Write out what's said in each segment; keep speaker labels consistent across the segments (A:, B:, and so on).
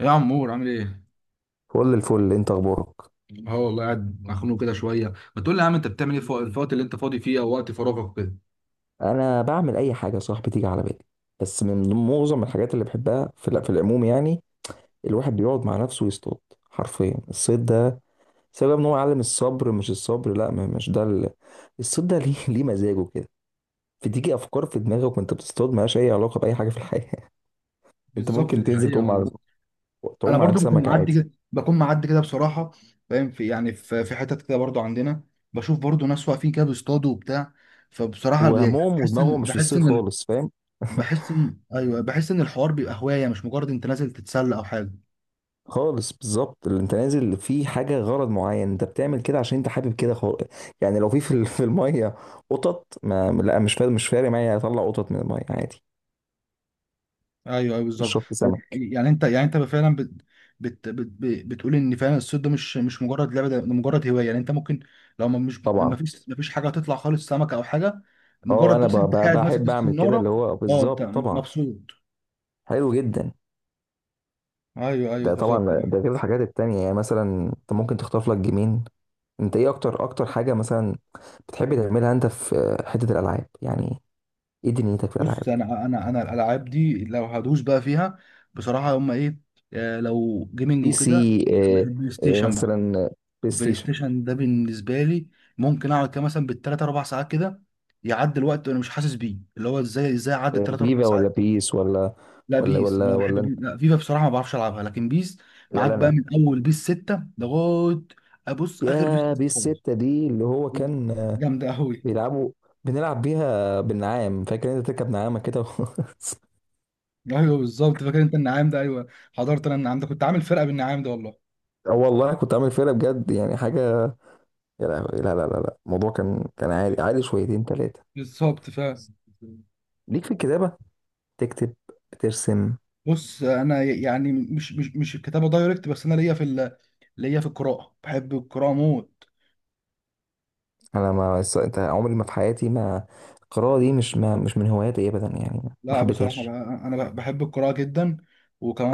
A: يا عمور، عامل ايه؟
B: فل الفل. انت اخبارك؟
A: اه والله، قاعد مخنوق كده شويه. ما تقول لي يا عم، انت بتعمل ايه في الوقت اللي انت فاضي فيه او وقت فراغك كده؟
B: انا بعمل اي حاجه يا صاحبي تيجي على بالي، بس معظم الحاجات اللي بحبها في العموم يعني. الواحد بيقعد مع نفسه ويصطاد، حرفيا الصيد ده سبب ان هو يعلم الصبر. مش الصبر، لا ما- مش ده ال... الصيد ده ليه ليه مزاجه كده. بتيجي افكار في دماغك وانت بتصطاد مالهاش اي علاقه باي حاجه في الحياه. انت
A: بالظبط،
B: ممكن
A: دي
B: تنزل
A: حقيقة
B: تعوم على،
A: والله. انا
B: تعوم على
A: برضو بكون
B: السمك
A: معدي
B: عادي.
A: كده، بكون معدي كده بصراحه. فاهم، في يعني في في حتت كده برضو عندنا. بشوف برضو ناس واقفين كده بيصطادوا وبتاع. فبصراحه،
B: وهمهم
A: بحس
B: ودماغهم
A: ان
B: مش في
A: بحس
B: الصيد
A: ان
B: خالص، فاهم.
A: بحس ان ايوه بحس ان الحوار بيبقى هوايه، مش مجرد انت نازل تتسلى او حاجه.
B: خالص بالظبط، اللي انت نازل في حاجه غرض معين انت بتعمل كده عشان انت حابب كده خالص. يعني لو في في الميه قطط، ما لا، مش فارق، مش فارق معايا اطلع قطط من الميه عادي.
A: ايوه، ايوه،
B: مش
A: بالظبط.
B: شرط سمك.
A: يعني انت فعلا بتقول ان فعلا الصيد ده مش مجرد لعبه، ده مجرد هوايه. يعني انت ممكن لو ما مش ما
B: طبعا.
A: فيش ما فيش حاجه هتطلع خالص سمكه او حاجه،
B: اه
A: مجرد
B: انا
A: بس انت قاعد ماسك
B: بحب اعمل كده، اللي
A: السناره.
B: هو
A: اه، انت
B: بالظبط طبعا.
A: مبسوط؟
B: حلو جدا.
A: ايوه، ايوه،
B: ده
A: بالظبط.
B: طبعا ده غير الحاجات التانية، يعني مثلا انت ممكن تختار لك جيمين. انت ايه اكتر اكتر حاجه مثلا بتحب تعملها انت في حته الالعاب يعني؟ ايه دنيتك في الالعاب؟
A: بص، انا الالعاب دي لو هدوس بقى فيها بصراحه، هم ايه؟ لو جيمنج
B: بي
A: وكده،
B: سي آه،
A: البلاي
B: آه،
A: ستيشن بقى.
B: مثلا بلاي
A: بلاي
B: ستيشن.
A: ستيشن ده بالنسبه لي، ممكن اقعد كده مثلا بالثلاث اربع ساعات كده، يعدي الوقت وانا مش حاسس بيه. اللي هو ازاي عدى الثلاث اربع
B: فيفا
A: ساعات.
B: ولا بيس ولا؟
A: لا
B: ولا
A: بيس،
B: ولا
A: لا بحب
B: ولا انت؟
A: بيس، لا فيفا بصراحه ما بعرفش العبها، لكن بيس معاك
B: ولا
A: بقى
B: انا؟
A: من اول بيس 6 لغايه ابص اخر بيس
B: يا
A: نزل
B: بيس
A: خالص،
B: ستة دي اللي هو كان
A: جامده قوي.
B: بيلعبوا، بنلعب بيها بالنعام. فاكر انت تركب نعامة كده
A: ايوه بالظبط، فاكر انت النعام ده؟ ايوه حضرت انا النعام ده، كنت عامل فرقه بالنعام ده والله.
B: اه والله كنت عامل فرقة بجد يعني حاجة. يا لهوي، لا لا لا لا، الموضوع كان كان عادي، عادي شويتين تلاتة.
A: بالظبط.
B: ليك في الكتابة؟ تكتب، ترسم؟
A: بص، انا يعني مش الكتابه دايركت، بس انا ليا في ال... ليا في القراءه، بحب القراءه موت.
B: انا ما الص- انت عمري ما في حياتي ما القراءة دي مش ما مش من هواياتي ابدا يعني. ما
A: لا بصراحة
B: حبيتهاش.
A: بقى، أنا بحب القراءة جدا.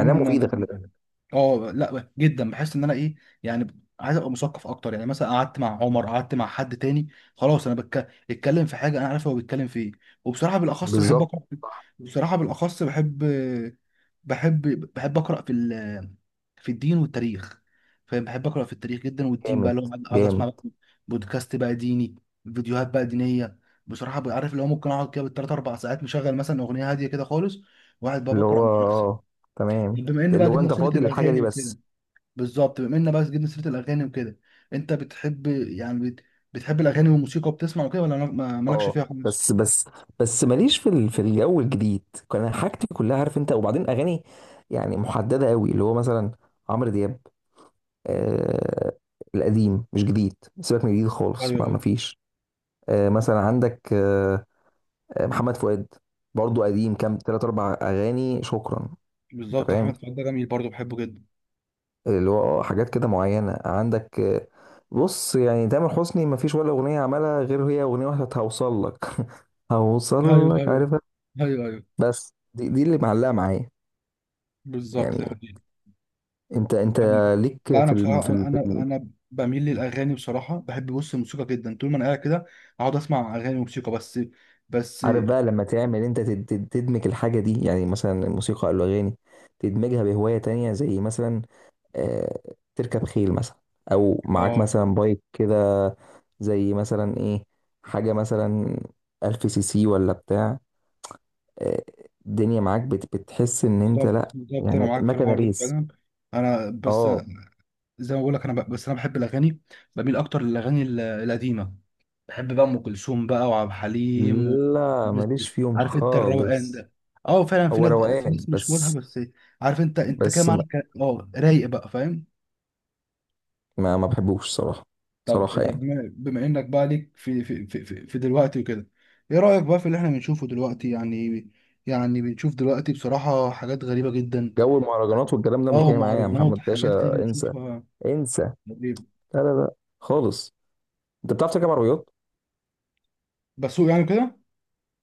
B: انا مفيدة، خلي بالك.
A: اه لا، جدا بحس إن أنا إيه، يعني عايز أبقى مثقف أكتر. يعني مثلا قعدت مع عمر، قعدت مع حد تاني، خلاص أنا بتكلم في حاجة أنا عارف هو بيتكلم في إيه. وبصراحة بالأخص بحب
B: بالظبط.
A: أقرأ في- بصراحة بالأخص بحب بحب أقرأ في الدين والتاريخ. فاهم؟ بحب أقرأ في التاريخ جدا، والدين بقى
B: جامد،
A: اللي هو أقعد أسمع
B: جامد.
A: بقى بودكاست بقى ديني، فيديوهات بقى دينية. بصراحه بقى، عارف اللي هو ممكن اقعد كده بالثلاث اربع ساعات مشغل مثلا اغنيه هاديه كده خالص، وقاعد بقى
B: اللي هو
A: بقرا من نفسي.
B: اه، تمام.
A: طب بما ان
B: اللي
A: بقى
B: هو
A: جبنا
B: انت
A: سيره
B: فاضي للحاجه دي
A: الاغاني وكده،
B: بس.
A: بالظبط بما ان بقى جبنا سيره الاغاني وكده، انت بتحب يعني بتحب الاغاني والموسيقى وبتسمع وكده، ولا مالكش
B: اه
A: فيها خالص؟
B: بس، بس ماليش في الجو الجديد. كان حاجتي كلها عارف انت، وبعدين اغاني يعني محدده قوي اللي هو مثلا عمرو دياب. آه القديم، مش جديد. سيبك من جديد خالص،
A: ايوه،
B: ما
A: ايوه،
B: ما فيش. آه مثلا عندك آه، محمد فؤاد برضو قديم، كام تلات اربع اغاني شكرا. انت
A: بالظبط.
B: فاهم،
A: احمد فؤاد ده جميل، برضه بحبه جدا.
B: اللي هو اه حاجات كده معينة عندك. بص يعني تامر حسني مفيش ولا أغنية عملها غير هي أغنية واحدة، بتاعت هوصل لك. هوصل
A: ايوه،
B: لك،
A: ايوه.
B: عارفها.
A: ايوه، ايوه،
B: بس دي, دي اللي معلقة معايا
A: بالظبط،
B: يعني.
A: ده حقيقي.
B: انت انت
A: انا،
B: ليك
A: لا،
B: في
A: انا
B: ال...
A: بصراحه، انا انا أنا بميل للاغاني بصراحه. بحب، بص، الموسيقى جدا. طول ما انا قاعد كده، اقعد اسمع اغاني وموسيقى بس، بس.
B: عارف بقى لما تعمل انت تدمج الحاجة دي يعني مثلا الموسيقى او الأغاني، تدمجها بهواية تانية زي مثلا، آه، تركب خيل مثلا، أو معاك
A: اه
B: مثلا بايك كده، زي مثلا ايه حاجة مثلا 1000 سي سي ولا بتاع. آه، الدنيا معاك بتحس ان انت،
A: بالظبط،
B: لا
A: بالظبط، انا
B: يعني
A: معاك في
B: مكنه
A: الحوار ده
B: ريس.
A: فعلا. انا بس،
B: اه،
A: زي ما بقول لك، انا بس انا بحب الاغاني، بميل اكتر للاغاني القديمه. بحب بقى ام كلثوم بقى، وعبد الحليم.
B: لا
A: والناس
B: ماليش
A: دي.
B: فيهم
A: عارف انت الروقان
B: خالص.
A: ده. اه فعلا، في
B: هو
A: ناس، في
B: روقان
A: ناس مش مودها
B: بس.
A: بس. عارف انت كده
B: بس ما
A: معاك. اه، رايق بقى، فاهم؟
B: ما بحبوش صراحه.
A: طب
B: صراحه
A: طب
B: يعني
A: بما انك بقى ليك في دلوقتي وكده، ايه رايك بقى في اللي احنا بنشوفه دلوقتي يعني؟ يعني بنشوف دلوقتي بصراحه حاجات غريبه جدا.
B: جو المهرجانات والكلام ده مش
A: اه،
B: جاي معايا يا
A: مهرجانات،
B: محمد
A: حاجات كده
B: باشا، انسى،
A: بنشوفها
B: انسى.
A: غريبة.
B: لا لا لا خالص. انت بتعرف تركب عربيات؟
A: بسوق، يعني كده.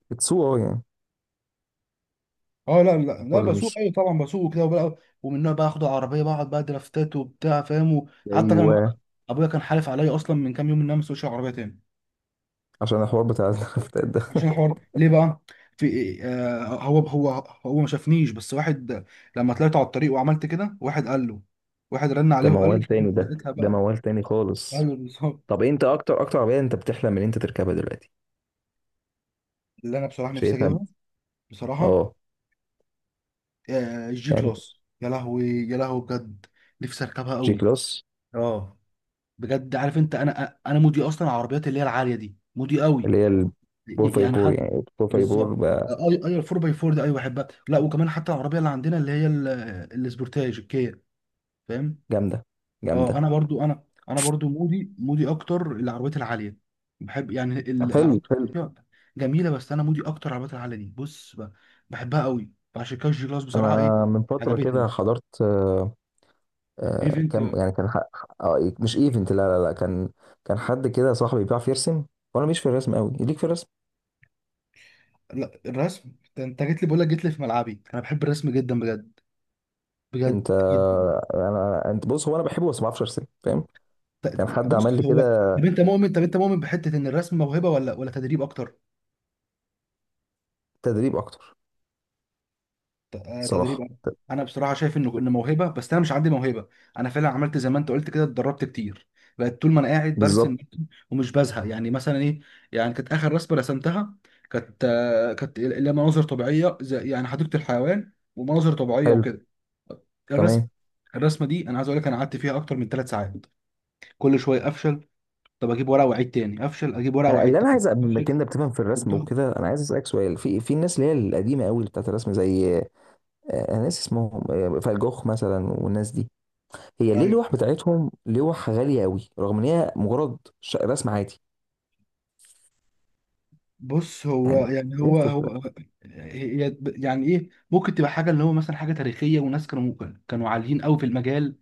B: بتسوق اه يعني؟
A: اه، لا، لا، لا،
B: ولا
A: بسوق،
B: مش؟
A: ايوه طبعا بسوق كده، وبقى ومنها بقى اخد عربيه، بقعد بقى درافتات وبتاع. فاهم؟ حتى كان
B: ايوه،
A: ابويا كان حالف عليا اصلا من كام يوم ان انا ما اسوقش عربيه تاني،
B: عشان الحوار بتاع النفطات ده.
A: عشان الحوار ليه بقى. في إيه؟ هو، هو ما شافنيش، بس واحد لما طلعت على الطريق وعملت كده، واحد قال له، واحد رن
B: ده
A: عليه وقال
B: موال
A: له
B: تاني، ده
A: ساعتها
B: ده
A: بقى،
B: موال تاني خالص.
A: قال له. بالظبط.
B: طب انت اكتر اكتر عربيه انت بتحلم ان انت تركبها دلوقتي،
A: اللي انا بصراحه نفسي
B: شايفها؟
A: اجيبها بصراحه،
B: اه
A: الجي
B: يعني.
A: كلاس، يا لهوي، يا لهوي بجد. نفسي اركبها
B: جي
A: قوي.
B: كلاس.
A: اه بجد، عارف انت، انا مودي اصلا العربيات اللي هي العاليه دي، مودي قوي.
B: اللي هي البور
A: يعني
B: فايبور
A: حد،
B: يعني، البور فايبور
A: بالظبط.
B: بقى.
A: اي، اي الفور باي فور ده، ايوه بحبها. لا وكمان حتى العربيه اللي عندنا، اللي هي السبورتاج الكيا، فاهم؟
B: جامده،
A: اه
B: جامده.
A: انا برضو، انا برضو مودي اكتر العربيات العاليه. بحب يعني
B: حلو،
A: العربيات
B: حلو.
A: جميله بس انا مودي اكتر العربيات العاليه دي، بص، بحبها قوي. فعشان كده الجي كلاس بصراحه، ايه،
B: انا من فتره كده
A: عجبتني.
B: حضرت آه، آه،
A: ايفنت،
B: كام يعني كان مش ايفنت، لا لا لا، كان كان حد كده صاحبي بيعرف يرسم، وانا مش في الرسم قوي. ليك في الرسم؟
A: لا، الرسم. انت جيت لي، بقول لك جيت لي في ملعبي. انا بحب الرسم جدا بجد، بجد
B: انت
A: جدا.
B: آه، انا انت بص، هو انا بحبه بس ما بعرفش ارسم فاهم. كان حد عمل
A: بص
B: لي
A: هو،
B: كده.
A: طب انت مؤمن، بحته ان الرسم موهبه ولا تدريب اكتر؟
B: تدريب اكتر.
A: تدريب
B: صراحه.
A: أكتر. انا بصراحه شايف انه موهبه، بس انا مش عندي موهبه. انا فعلا عملت زي ما انت قلت كده، اتدربت كتير. بقت طول ما انا قاعد برسم،
B: بالظبط.
A: برسم، ومش بزهق. يعني مثلا ايه، يعني كانت اخر رسمه رسمتها، كانت اللي هي مناظر طبيعيه، زي يعني حديقه الحيوان، ومناظر طبيعيه
B: حلو.
A: وكده. الرسم
B: تمام.
A: الرسمه دي، انا عايز اقول لك، انا قعدت فيها اكتر من ثلاث ساعات. كل شويه افشل، طب اجيب ورقه واعيد تاني افشل، اجيب ورقه
B: انا
A: واعيد
B: اللي انا
A: تاني
B: عايز بما
A: افشل.
B: انك بتفهم في الرسم
A: بالضبط.
B: وكده، انا عايز اسالك سؤال في في الناس اللي هي القديمه قوي اللي بتاعت الرسم، زي ناس اسمهم فان جوخ مثلا والناس دي. هي ليه
A: ايوه،
B: اللوح بتاعتهم لوح غاليه قوي رغم ان هي مجرد رسم عادي
A: بص، هو
B: يعني؟
A: يعني،
B: ايه
A: هو
B: الفكره؟
A: هو، هي يعني ايه، ممكن تبقى حاجه اللي هو مثلا حاجه تاريخيه، وناس كانوا عاليين قوي في المجال.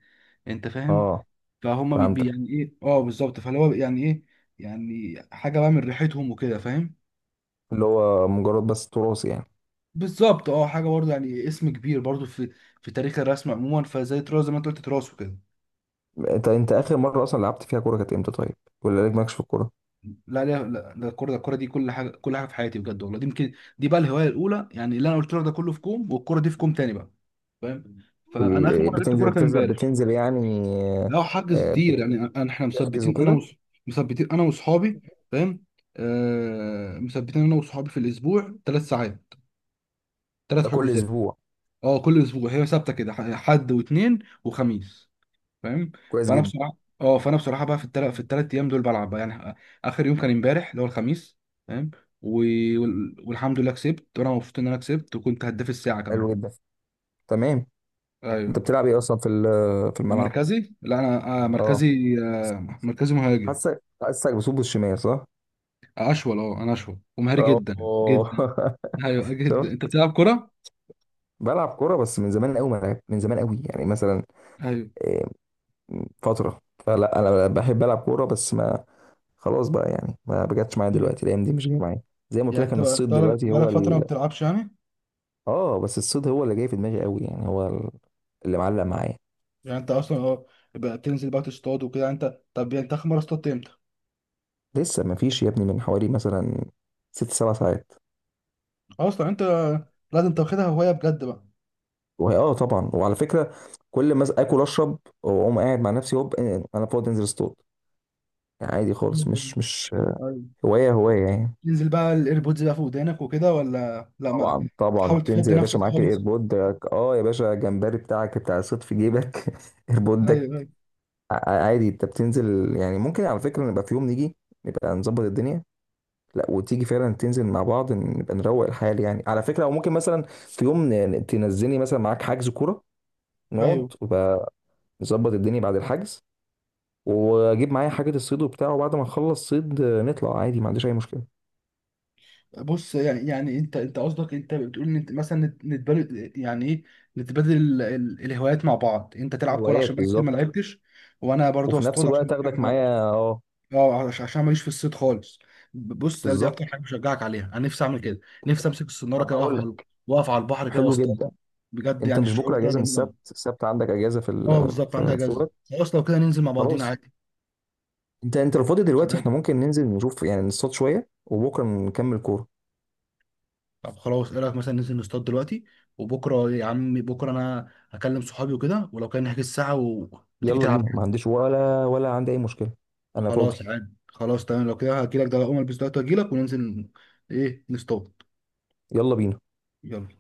A: انت فاهم؟
B: اه،
A: فهم،
B: فهمتك.
A: يعني ايه، اه، بالظبط، فاللي هو يعني ايه، يعني حاجه بقى من ريحتهم وكده. فاهم؟
B: اللي هو مجرد بس تراث يعني.
A: بالظبط، اه، حاجه برضه يعني اسم كبير برضه في تاريخ الرسم عموما، فزي تراث، زي ما انت قلت، تراث وكده.
B: انت انت اخر مره اصلا لعبت فيها كوره كانت امتى طيب؟ ولا لك مالكش في الكوره؟
A: لا، لا، لا، ده الكوره، الكوره دي كل حاجه، في حياتي بجد والله. دي يمكن، دي بقى الهوايه الاولى يعني، اللي انا قلت لك ده كله في كوم والكوره دي في كوم تاني بقى. فاهم؟ فانا اخر
B: ال-
A: مره لعبت
B: بتنزل
A: كوره كان
B: بتنزل
A: امبارح.
B: بتنزل يعني؟ آه،
A: لا حجز
B: آه،
A: كتير يعني، احنا
B: بتحجز
A: مثبتين، انا
B: وكده؟
A: مثبتين انا واصحابي. فاهم؟ مثبتين انا واصحابي في الاسبوع ثلاث ساعات، ثلاث
B: ده كل
A: حجوزات.
B: اسبوع؟
A: اه كل اسبوع هي ثابته كده، حد واثنين وخميس. فاهم؟
B: كويس
A: فانا
B: جدا.
A: بصراحه، بقى في الثلاث ايام دول بلعب بقى يعني. اخر يوم كان امبارح، اللي هو الخميس. فاهم؟ و... والحمد لله كسبت، وانا مبسوط ان انا كسبت، وكنت هداف الساعه كمان.
B: حلو جدا. تمام. انت
A: ايوه.
B: بتلعب ايه اصلا في الملعب؟
A: مركزي، لا انا
B: اه،
A: مركزي، مهاجم.
B: حاسك، حاسك بصوب بالشمال صح؟
A: اشول، اه، انا اشول ومهاري جدا
B: اه
A: جدا. ايوه جدا. انت
B: شفت؟
A: بتلعب كوره؟
B: بلعب كوره بس من زمان قوي ما لعبت، من زمان قوي يعني مثلا،
A: ايوه.
B: إيه، فتره. فلا انا بحب العب كوره بس ما، خلاص بقى يعني ما بجاتش معايا دلوقتي، الايام دي مش جايه معايا. زي ما قلت
A: يعني
B: لك
A: انت،
B: ان الصيد دلوقتي
A: بقالك
B: هو
A: فتره ما
B: ال...
A: بتلعبش يعني؟
B: اه بس الصيد هو اللي جاي في دماغي قوي، يعني هو ال- اللي معلق معايا.
A: يعني انت اصلا، بقى بتنزل بقى تصطاد وكده. انت، طب يعني انت اخر مره اصطدت امتى؟
B: لسه ما فيش يا ابني، من حوالي مثلا 6 7 ساعات.
A: اصلا انت لازم تاخدها هوايه بجد بقى.
B: وهي اه طبعا، وعلى فكره كل ما اكل اشرب واقوم قاعد مع نفسي هوب انا فاضي انزل اصطاد. يعني عادي خالص، مش مش
A: أيوة.
B: هوايه، هوايه يعني.
A: تنزل بقى الايربودز بقى في ودانك وكده ولا لا ما،
B: طبعا، طبعا
A: بتحاول
B: تنزل
A: تفضي
B: يا باشا
A: نفسك
B: معاك
A: خالص؟
B: الايربود. اه يا باشا، جمبري بتاعك بتاع الصيد في جيبك
A: ايوه،
B: ايربودك.
A: ايوه،
B: عادي. انت بتنزل يعني ممكن على فكره نبقى في يوم نيجي، نبقى نظبط الدنيا. لا وتيجي فعلا تنزل مع بعض نبقى نروق الحال يعني على فكره، او ممكن مثلا في يوم تنزلني مثلا معاك حجز كوره، نقعد
A: ايوه.
B: ونبقى نظبط الدنيا بعد الحجز، واجيب معايا حاجه الصيد وبتاع، وبعد ما نخلص صيد نطلع عادي ما عنديش اي مشكله.
A: بص يعني انت قصدك، انت بتقول ان انت مثلا نتبادل، يعني ايه، نتبادل الهوايات مع بعض. انت تلعب كوره عشان
B: هوايات
A: بقى كتير ما
B: بالظبط.
A: لعبتش، وانا برضه
B: وفي نفس
A: اصطاد عشان،
B: الوقت اخدك معايا اه.
A: اه، عشان ماليش في الصيد خالص. بص، انا دي اكتر
B: بالظبط.
A: حاجه بشجعك عليها، انا نفسي اعمل كده. نفسي امسك الصناره
B: طب
A: كده،
B: اقول لك.
A: واقف على البحر كده
B: حلو
A: واصطاد.
B: جدا.
A: بجد
B: انت
A: يعني
B: مش
A: الشعور
B: بكره
A: ده
B: اجازه؟ من
A: جميل
B: السبت،
A: أوي.
B: السبت عندك اجازه في
A: اه
B: ال...
A: بالظبط، عندها
B: في في
A: جزء.
B: الوقت؟
A: خلاص لو كده ننزل مع بعضينا،
B: خلاص.
A: عادي،
B: انت انت لو فاضي
A: مش
B: دلوقتي احنا
A: عادي.
B: ممكن ننزل نشوف يعني، نصطاد شويه وبكره نكمل كوره.
A: طب خلاص، ايه رايك مثلا ننزل نصطاد دلوقتي؟ وبكره يا عمي، بكره انا هكلم صحابي وكده، ولو كان نحجز الساعه وتيجي
B: يلا
A: تلعب
B: بينا، ما
A: معايا.
B: عنديش ولا ولا عندي اي مشكله. انا فاضي.
A: خلاص عادي، خلاص تمام. لو كده هجيلك ده، اقوم البس دلوقتي واجيلك وننزل، ايه، نصطاد.
B: يلا بينا.
A: يلا.